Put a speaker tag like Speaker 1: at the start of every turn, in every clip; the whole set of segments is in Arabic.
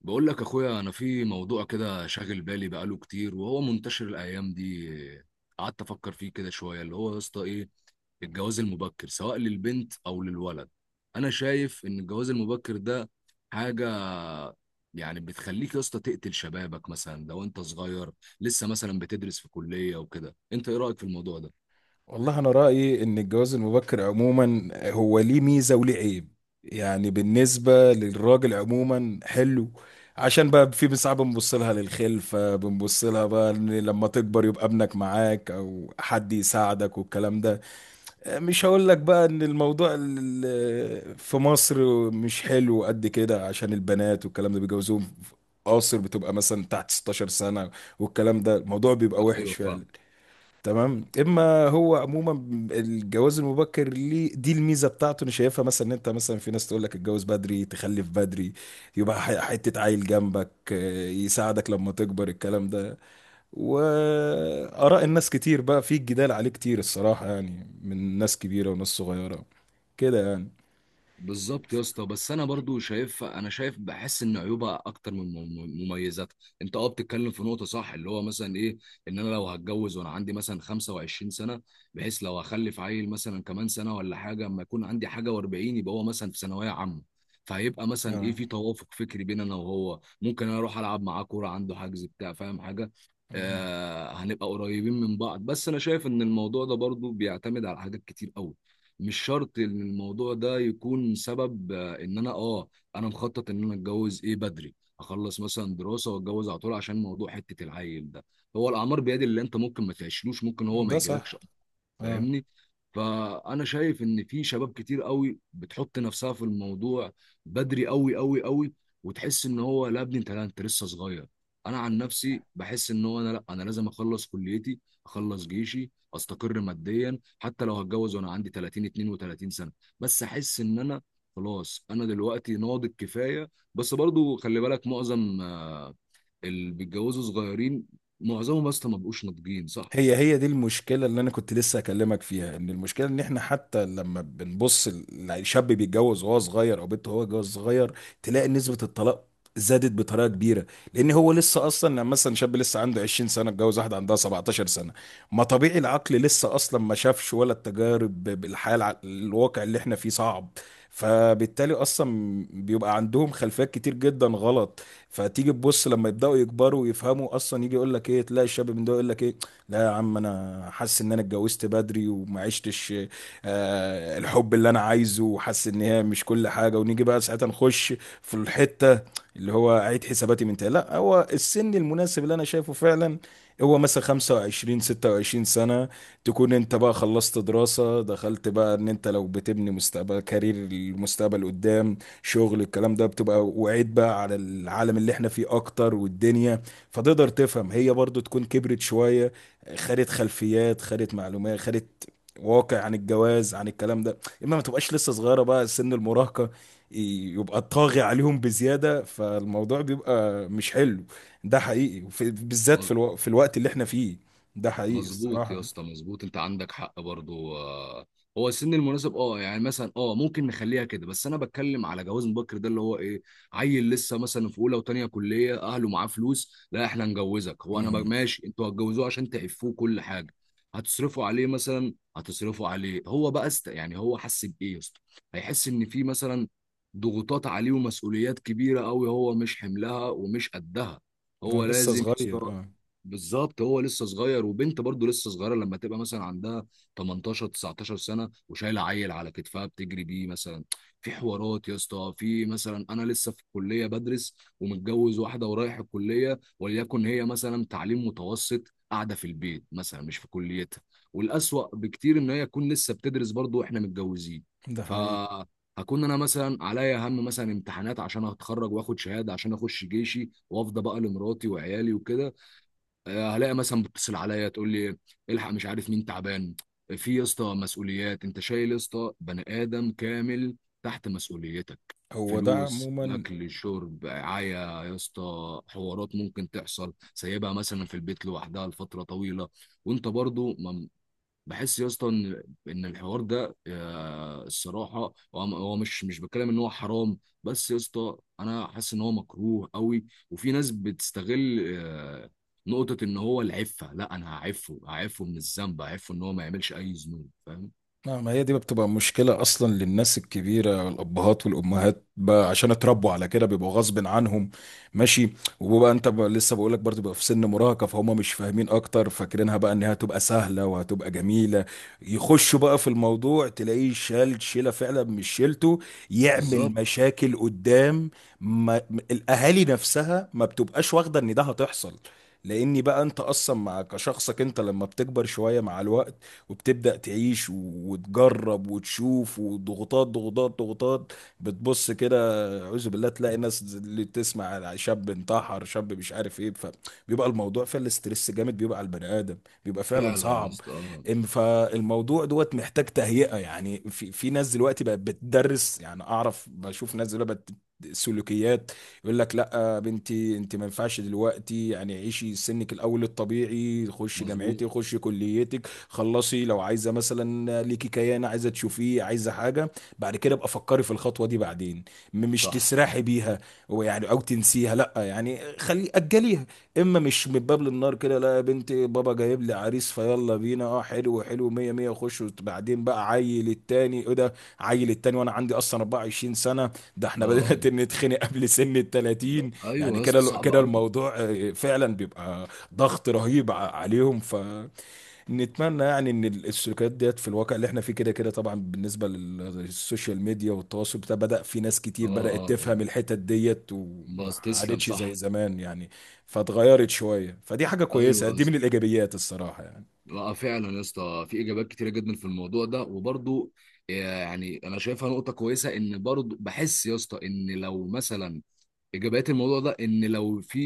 Speaker 1: بقول لك اخويا، انا في موضوع كده شاغل بالي بقاله كتير، وهو منتشر الايام دي. قعدت افكر فيه كده شويه، اللي هو يا اسطى ايه؟ الجواز المبكر سواء للبنت او للولد. انا شايف ان الجواز المبكر ده حاجه، يعني بتخليك يا اسطى تقتل شبابك، مثلا لو انت صغير لسه مثلا بتدرس في كليه وكده. انت ايه رايك في الموضوع ده؟
Speaker 2: والله أنا رأيي إن الجواز المبكر عموما هو ليه ميزة وليه عيب. يعني بالنسبة للراجل عموما حلو، عشان بقى في ساعات بنبص لها للخلفة، بنبص لها بقى إن لما تكبر يبقى ابنك معاك أو حد يساعدك والكلام ده. مش هقول لك بقى إن الموضوع في مصر مش حلو قد كده، عشان البنات والكلام ده بيجوزوهم قاصر، بتبقى مثلا تحت 16 سنة والكلام ده، الموضوع بيبقى وحش
Speaker 1: ايوه،
Speaker 2: فعلا.
Speaker 1: فاهم.
Speaker 2: تمام. اما هو عموما الجواز المبكر ليه دي الميزه بتاعته، انا شايفها مثلا ان انت مثلا في ناس تقول لك اتجوز بدري تخلف بدري، يبقى حته عيل جنبك، يساعدك لما تكبر الكلام ده. واراء الناس كتير بقى، في جدال عليه كتير الصراحه يعني، من ناس كبيره وناس صغيره كده يعني.
Speaker 1: بالظبط يا اسطى، بس انا برضو شايف، انا شايف بحس ان عيوبها اكتر من مميزاتها. انت بتتكلم في نقطه صح، اللي هو مثلا ايه؟ ان انا لو هتجوز وانا عندي مثلا 25 سنه، بحيث لو هخلف عيل مثلا كمان سنه ولا حاجه، اما يكون عندي حاجه و40، يبقى هو مثلا في ثانويه عامه. فهيبقى مثلا ايه
Speaker 2: آه.
Speaker 1: في توافق فكري بين انا وهو، ممكن انا اروح العب معاه كوره عنده حجز بتاع، فاهم حاجه.
Speaker 2: مم.
Speaker 1: آه، هنبقى قريبين من بعض. بس انا شايف ان الموضوع ده برضو بيعتمد على حاجات كتير قوي. مش شرط ان الموضوع ده يكون سبب ان انا مخطط ان انا اتجوز ايه بدري، اخلص مثلا دراسه واتجوز على طول عشان موضوع حته العيل ده. هو الاعمار بيد اللي، انت ممكن ما تعيشلوش، ممكن هو ما
Speaker 2: ده
Speaker 1: يجيلكش.
Speaker 2: صح اه.
Speaker 1: فاهمني؟ فانا شايف ان في شباب كتير قوي بتحط نفسها في الموضوع بدري قوي قوي قوي. وتحس ان هو، لا يا ابني انت، لا انت لسه صغير. انا عن نفسي بحس ان هو، انا لا، انا لازم اخلص كليتي، اخلص جيشي، استقر ماديا، حتى لو هتجوز وانا عندي 30 32 سنه. بس احس ان انا، خلاص انا دلوقتي ناضج كفايه. بس برضو خلي بالك معظم اللي بيتجوزوا صغيرين، معظمهم اصلا ما بقوش ناضجين، صح.
Speaker 2: هي دي المشكلة اللي أنا كنت لسه أكلمك فيها، إن المشكلة إن إحنا حتى لما بنبص الشاب بيتجوز وهو صغير أو بنت وهو جواز صغير، تلاقي نسبة الطلاق زادت بطريقة كبيرة. لأن هو لسه أصلا، لما مثلا شاب لسه عنده 20 سنة اتجوز واحدة عندها 17 سنة، ما طبيعي العقل لسه أصلا ما شافش ولا التجارب بالحياة، الواقع اللي إحنا فيه صعب. فبالتالي اصلا بيبقى عندهم خلفيات كتير جدا غلط. فتيجي تبص لما يبداوا يكبروا ويفهموا اصلا، يجي يقول لك ايه، تلاقي الشاب من ده يقول لك ايه، لا يا عم انا حاسس ان انا اتجوزت بدري وما عشتش الحب اللي انا عايزه، وحاسس ان هي مش كل حاجه. ونيجي بقى ساعتها نخش في الحته اللي هو اعيد حساباتي من تاني. لا، هو السن المناسب اللي انا شايفه فعلا هو مثلا 25 26 سنه. تكون انت بقى خلصت دراسه، دخلت بقى ان انت لو بتبني مستقبل كارير المستقبل قدام شغل الكلام ده، بتبقى وعيد بقى على العالم اللي احنا فيه اكتر والدنيا، فتقدر تفهم. هي برضو تكون كبرت شويه، خدت خلفيات خدت معلومات خدت واقع عن الجواز عن الكلام ده، اما ما تبقاش لسه صغيره بقى سن المراهقه يبقى طاغي عليهم بزياده، فالموضوع بيبقى مش حلو. ده حقيقي. بالذات في في الوقت اللي احنا فيه، ده حقيقي
Speaker 1: مظبوط يا
Speaker 2: الصراحه.
Speaker 1: اسطى، مظبوط انت عندك حق برضو هو السن المناسب، يعني مثلا ممكن نخليها كده. بس انا بتكلم على جواز مبكر ده، اللي هو ايه؟ عيل لسه مثلا في اولى وتانية كليه، اهله معاه فلوس، لا احنا نجوزك. هو انا
Speaker 2: مهم.
Speaker 1: ماشي، انتوا هتجوزوه عشان تعفوه كل حاجه، هتصرفوا عليه، مثلا هتصرفوا عليه. هو بقى يعني هو حس بايه يا اسطى؟ هيحس ان في مثلا ضغوطات عليه ومسؤوليات كبيره قوي، هو مش حملها ومش قدها.
Speaker 2: انا
Speaker 1: هو
Speaker 2: لسه
Speaker 1: لازم يا اسطى.
Speaker 2: صغير اه.
Speaker 1: بالظبط، هو لسه صغير، وبنت برضه لسه صغيره، لما تبقى مثلا عندها 18 19 سنه وشايله عيل على كتفها بتجري بيه مثلا. في حوارات يا اسطى، في مثلا انا لسه في الكليه بدرس ومتجوز واحده، ورايح الكليه، وليكن هي مثلا تعليم متوسط قاعده في البيت، مثلا مش في كليتها. والاسوأ بكتير ان هي تكون لسه بتدرس برضه واحنا متجوزين.
Speaker 2: ده
Speaker 1: ف
Speaker 2: حقيقي.
Speaker 1: هكون انا مثلا عليا هم، مثلا امتحانات عشان اتخرج واخد شهاده عشان اخش جيشي، وافضى بقى لمراتي وعيالي وكده. هلاقي مثلا بتتصل عليا تقول لي الحق، مش عارف مين تعبان. في يا اسطى مسؤوليات، انت شايل يا اسطى بني ادم كامل تحت مسؤوليتك،
Speaker 2: هو ده
Speaker 1: فلوس،
Speaker 2: عموما.
Speaker 1: اكل، شرب، رعايه. يا اسطى حوارات ممكن تحصل، سايبها مثلا في البيت لوحدها لفتره طويله. وانت برضو بحس يا اسطى ان، الحوار ده الصراحه. هو مش بتكلم ان هو حرام، بس يا اسطى انا حاسس ان هو مكروه قوي. وفي ناس بتستغل نقطه ان هو العفه، لا انا هعفه، هعفه من الذنب، هعفه ان هو ما يعملش اي ذنوب، فاهم.
Speaker 2: لا، ما هي دي بتبقى مشكلة أصلا للناس الكبيرة، الأبهات والأمهات بقى، عشان اتربوا على كده بيبقوا غصب عنهم. ماشي. وبقى أنت بقى لسه بقولك برضه بقى في سن مراهقة، فهم مش فاهمين أكتر، فاكرينها بقى إنها هتبقى سهلة وهتبقى جميلة. يخشوا بقى في الموضوع، تلاقيه شال شيلة فعلا مش شيلته، يعمل
Speaker 1: بالظبط.
Speaker 2: مشاكل قدام. ما م- الأهالي نفسها ما بتبقاش واخدة إن ده هتحصل، لأني بقى أنت أصلا مع كشخصك، أنت لما بتكبر شوية مع الوقت وبتبدأ تعيش وتجرب وتشوف، وضغوطات ضغوطات ضغوطات. بتبص كده، أعوذ بالله، تلاقي ناس اللي تسمع على شاب انتحر، شاب مش عارف ايه، فبيبقى الموضوع فعلا، الاسترس جامد بيبقى على البني آدم، بيبقى فعلا
Speaker 1: فعلا يا
Speaker 2: صعب.
Speaker 1: اسطى، اه،
Speaker 2: فالموضوع دوت محتاج تهيئة، يعني في ناس دلوقتي بقت بتدرس، يعني أعرف بشوف ناس دلوقتي بقت سلوكيات، يقول لك لا بنتي انت ما ينفعش دلوقتي، يعني عيشي سنك الاول الطبيعي، خشي
Speaker 1: مظبوط،
Speaker 2: جامعتك، خشي كليتك خلصي. لو عايزه مثلا ليكي كيان، عايزه تشوفيه، عايزه حاجه، بعد كده ابقى فكري في الخطوه دي بعدين، مش
Speaker 1: صح،
Speaker 2: تسرحي بيها ويعني او تنسيها، لا يعني خلي اجليها. اما مش من باب للنار كده، لا يا بنتي بابا جايب لي عريس فيلا بينا اه حلو حلو مية مية خش، بعدين بقى عيل التاني ايه ده، عيل التاني وانا عندي اصلا 24 سنه، ده احنا
Speaker 1: اه، آه.
Speaker 2: بدأنا نتخنق قبل سن ال 30. يعني
Speaker 1: ايوه يا اسطى
Speaker 2: كده
Speaker 1: صعب
Speaker 2: كده
Speaker 1: قوي.
Speaker 2: الموضوع فعلا بيبقى ضغط رهيب عليهم، ف نتمنى يعني ان السلوكيات ديت في الواقع اللي احنا فيه كده كده طبعا، بالنسبه للسوشيال ميديا والتواصل بتاع، بدا في ناس
Speaker 1: اه،
Speaker 2: كتير
Speaker 1: اه،
Speaker 2: بدات
Speaker 1: اه.
Speaker 2: تفهم الحتت ديت وما
Speaker 1: بس تسلم،
Speaker 2: عادتش زي
Speaker 1: صح.
Speaker 2: زمان يعني، فاتغيرت شويه، فدي حاجه
Speaker 1: ايوه
Speaker 2: كويسه،
Speaker 1: يا
Speaker 2: دي من
Speaker 1: اسطى.
Speaker 2: الايجابيات الصراحه يعني.
Speaker 1: لا فعلا يا اسطى في اجابات كتيره جدا في الموضوع ده، وبرضو آه، يعني انا شايفها نقطه كويسه، ان برضو بحس يا اسطى ان لو مثلا ايجابيات الموضوع ده، ان لو في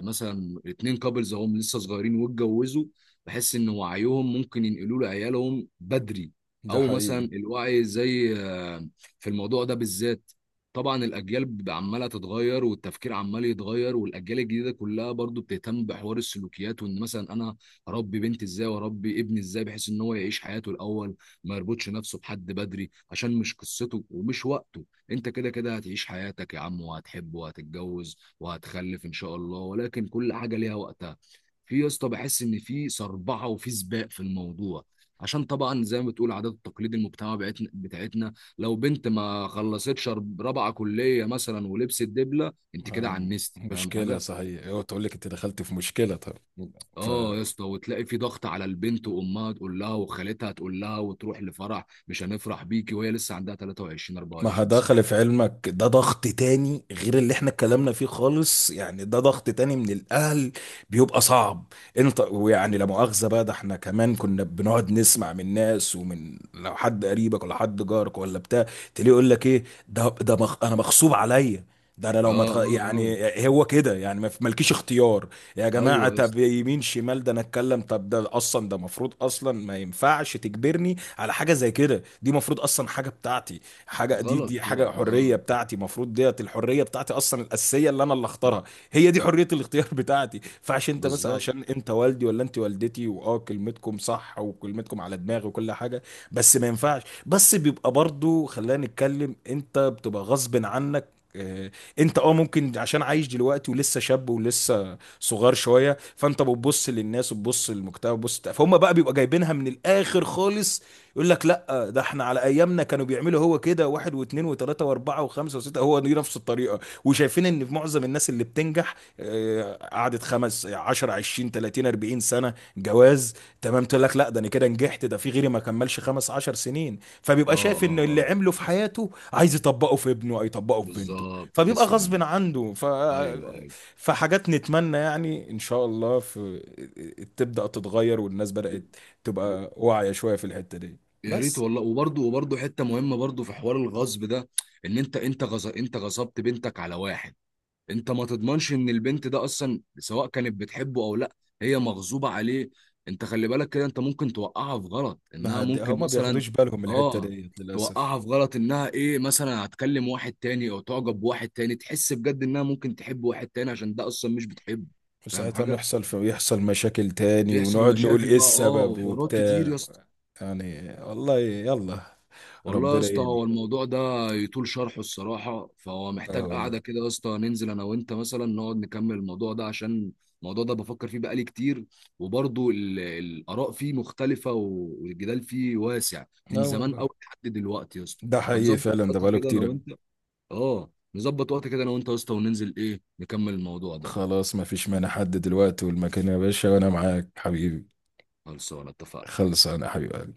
Speaker 1: مثلا اتنين كابلز هم لسه صغيرين واتجوزوا، بحس ان وعيهم ممكن ينقلوه لعيالهم بدري،
Speaker 2: ده
Speaker 1: او مثلا
Speaker 2: حقيقي.
Speaker 1: الوعي زي في الموضوع ده بالذات. طبعا الاجيال عماله تتغير، والتفكير عمال يتغير، والاجيال الجديده كلها برضو بتهتم بحوار السلوكيات. وان مثلا انا اربي بنتي ازاي، واربي ابني ازاي، بحيث ان هو يعيش حياته الاول، ما يربطش نفسه بحد بدري، عشان مش قصته ومش وقته. انت كده كده هتعيش حياتك يا عم، وهتحب، وهتتجوز، وهتخلف ان شاء الله، ولكن كل حاجه ليها وقتها. في يا اسطى بحس ان في صربعه، وفي سباق في الموضوع. عشان طبعا زي ما بتقول عادات التقليد، المجتمع بتاعتنا بتاعتنا، لو بنت ما خلصتش رابعه كليه مثلا ولبست دبله، انت كده
Speaker 2: هاي
Speaker 1: عنست، فاهم
Speaker 2: مشكله
Speaker 1: حاجه.
Speaker 2: صحيح، هو تقول لك انت دخلت في مشكله، طب ف
Speaker 1: اه يا اسطى، وتلاقي في ضغط على البنت، وامها تقول لها، وخالتها تقول لها، وتروح لفرح مش هنفرح بيكي وهي لسه عندها 23
Speaker 2: ما
Speaker 1: 24 سنه.
Speaker 2: هدخل في علمك، ده ضغط تاني غير اللي احنا اتكلمنا فيه خالص يعني، ده ضغط تاني من الاهل، بيبقى صعب. انت ويعني لا مؤاخذة بقى، ده احنا كمان كنا بنقعد نسمع من ناس، ومن لو حد قريبك ولا حد جارك ولا بتاع، تلاقيه يقول لك ايه ده مخ انا مغصوب عليا، ده انا
Speaker 1: اه،
Speaker 2: لو ما تخ...
Speaker 1: اه، اه.
Speaker 2: يعني هو كده يعني ما في- مالكيش اختيار. يا جماعه،
Speaker 1: ايوه يا اسطى.
Speaker 2: طب يمين شمال ده انا اتكلم، طب ده اصلا ده مفروض اصلا ما ينفعش تجبرني على حاجه زي كده، دي مفروض اصلا حاجه بتاعتي، حاجه، دي
Speaker 1: غلط
Speaker 2: دي حاجه
Speaker 1: طبعا،
Speaker 2: حريه
Speaker 1: اه.
Speaker 2: بتاعتي المفروض، ديت الحريه بتاعتي اصلا الاساسيه اللي انا اللي اختارها، هي دي حريه الاختيار بتاعتي. فعشان انت مثلا
Speaker 1: بالظبط.
Speaker 2: عشان انت والدي ولا انت والدتي، واه كلمتكم صح وكلمتكم على دماغي وكل حاجه، بس ما ينفعش. بس بيبقى برضو، خلينا نتكلم، انت بتبقى غصب عنك، انت اه ممكن عشان عايش دلوقتي ولسه شاب ولسه صغار شويه، فانت بتبص للناس وبتبص للمجتمع وبتبص، فهم بقى بيبقى جايبينها من الاخر خالص، يقول لك لا، ده احنا على ايامنا كانوا بيعملوا هو كده، واحد واثنين وثلاثه واربعه وخمسه وسته، هو دي نفس الطريقه، وشايفين ان في معظم الناس اللي بتنجح قعدت خمس 10 20 30 40 سنه جواز، تمام. تقول لك لا، ده انا كده نجحت، ده في غيري ما كملش خمس 10 سنين،
Speaker 1: اه،
Speaker 2: فبيبقى شايف ان
Speaker 1: اه،
Speaker 2: اللي
Speaker 1: اه.
Speaker 2: عمله في حياته عايز يطبقه في ابنه او يطبقه في بنته،
Speaker 1: بالظبط،
Speaker 2: فبيبقى
Speaker 1: تسلم.
Speaker 2: غصب عنده.
Speaker 1: ايوه، ايوه.
Speaker 2: فحاجات نتمنى يعني ان شاء الله تبدأ تتغير، والناس بدأت
Speaker 1: و-
Speaker 2: تبقى واعية شوية في الحتة دي.
Speaker 1: يا ريت
Speaker 2: بس
Speaker 1: والله. وبرضه حته مهمه برضه في حوار الغصب ده. ان انت انت غصبت بنتك على واحد. انت ما تضمنش ان البنت ده اصلا سواء كانت بتحبه او لا، هي مغصوبة عليه. انت خلي بالك كده، انت ممكن توقعها في غلط، انها
Speaker 2: ما هد...
Speaker 1: ممكن
Speaker 2: هما
Speaker 1: مثلا،
Speaker 2: بياخدوش بالهم من الحتة
Speaker 1: اه
Speaker 2: دي للأسف،
Speaker 1: توقعها في غلط انها ايه، مثلا هتكلم واحد تاني، او تعجب بواحد تاني، تحس بجد انها ممكن تحب واحد تاني عشان ده اصلا مش بتحبه. فاهم
Speaker 2: وساعتها
Speaker 1: حاجة.
Speaker 2: نحصل في يحصل مشاكل تاني
Speaker 1: بيحصل
Speaker 2: ونقعد نقول
Speaker 1: مشاكل
Speaker 2: ايه
Speaker 1: بقى، اه،
Speaker 2: السبب
Speaker 1: وحوارات كتير يا
Speaker 2: وبتاع.
Speaker 1: اسطى.
Speaker 2: يعني والله يلا،
Speaker 1: والله يا
Speaker 2: ربنا
Speaker 1: اسطى هو
Speaker 2: يهدي.
Speaker 1: الموضوع ده يطول شرحه الصراحة، فهو
Speaker 2: اه
Speaker 1: محتاج
Speaker 2: والله.
Speaker 1: قعدة كده يا اسطى ننزل أنا وأنت، مثلا نقعد نكمل الموضوع ده عشان الموضوع ده بفكر فيه بقالي كتير، وبرضه الآراء فيه مختلفة، والجدال فيه واسع من
Speaker 2: اه
Speaker 1: زمان
Speaker 2: والله
Speaker 1: أوي لحد دلوقتي يا اسطى.
Speaker 2: ده حقيقي
Speaker 1: فنظبط
Speaker 2: فعلا، ده
Speaker 1: وقت
Speaker 2: بقاله
Speaker 1: كده أنا
Speaker 2: كتير أوي.
Speaker 1: وأنت. نظبط وقت كده أنا وأنت يا اسطى، وننزل إيه نكمل الموضوع ده.
Speaker 2: خلاص ما فيش مانع، حد دلوقتي والمكان يا باشا، وانا معاك حبيبي.
Speaker 1: خلصانة، اتفقنا.
Speaker 2: خلص انا حبيبي.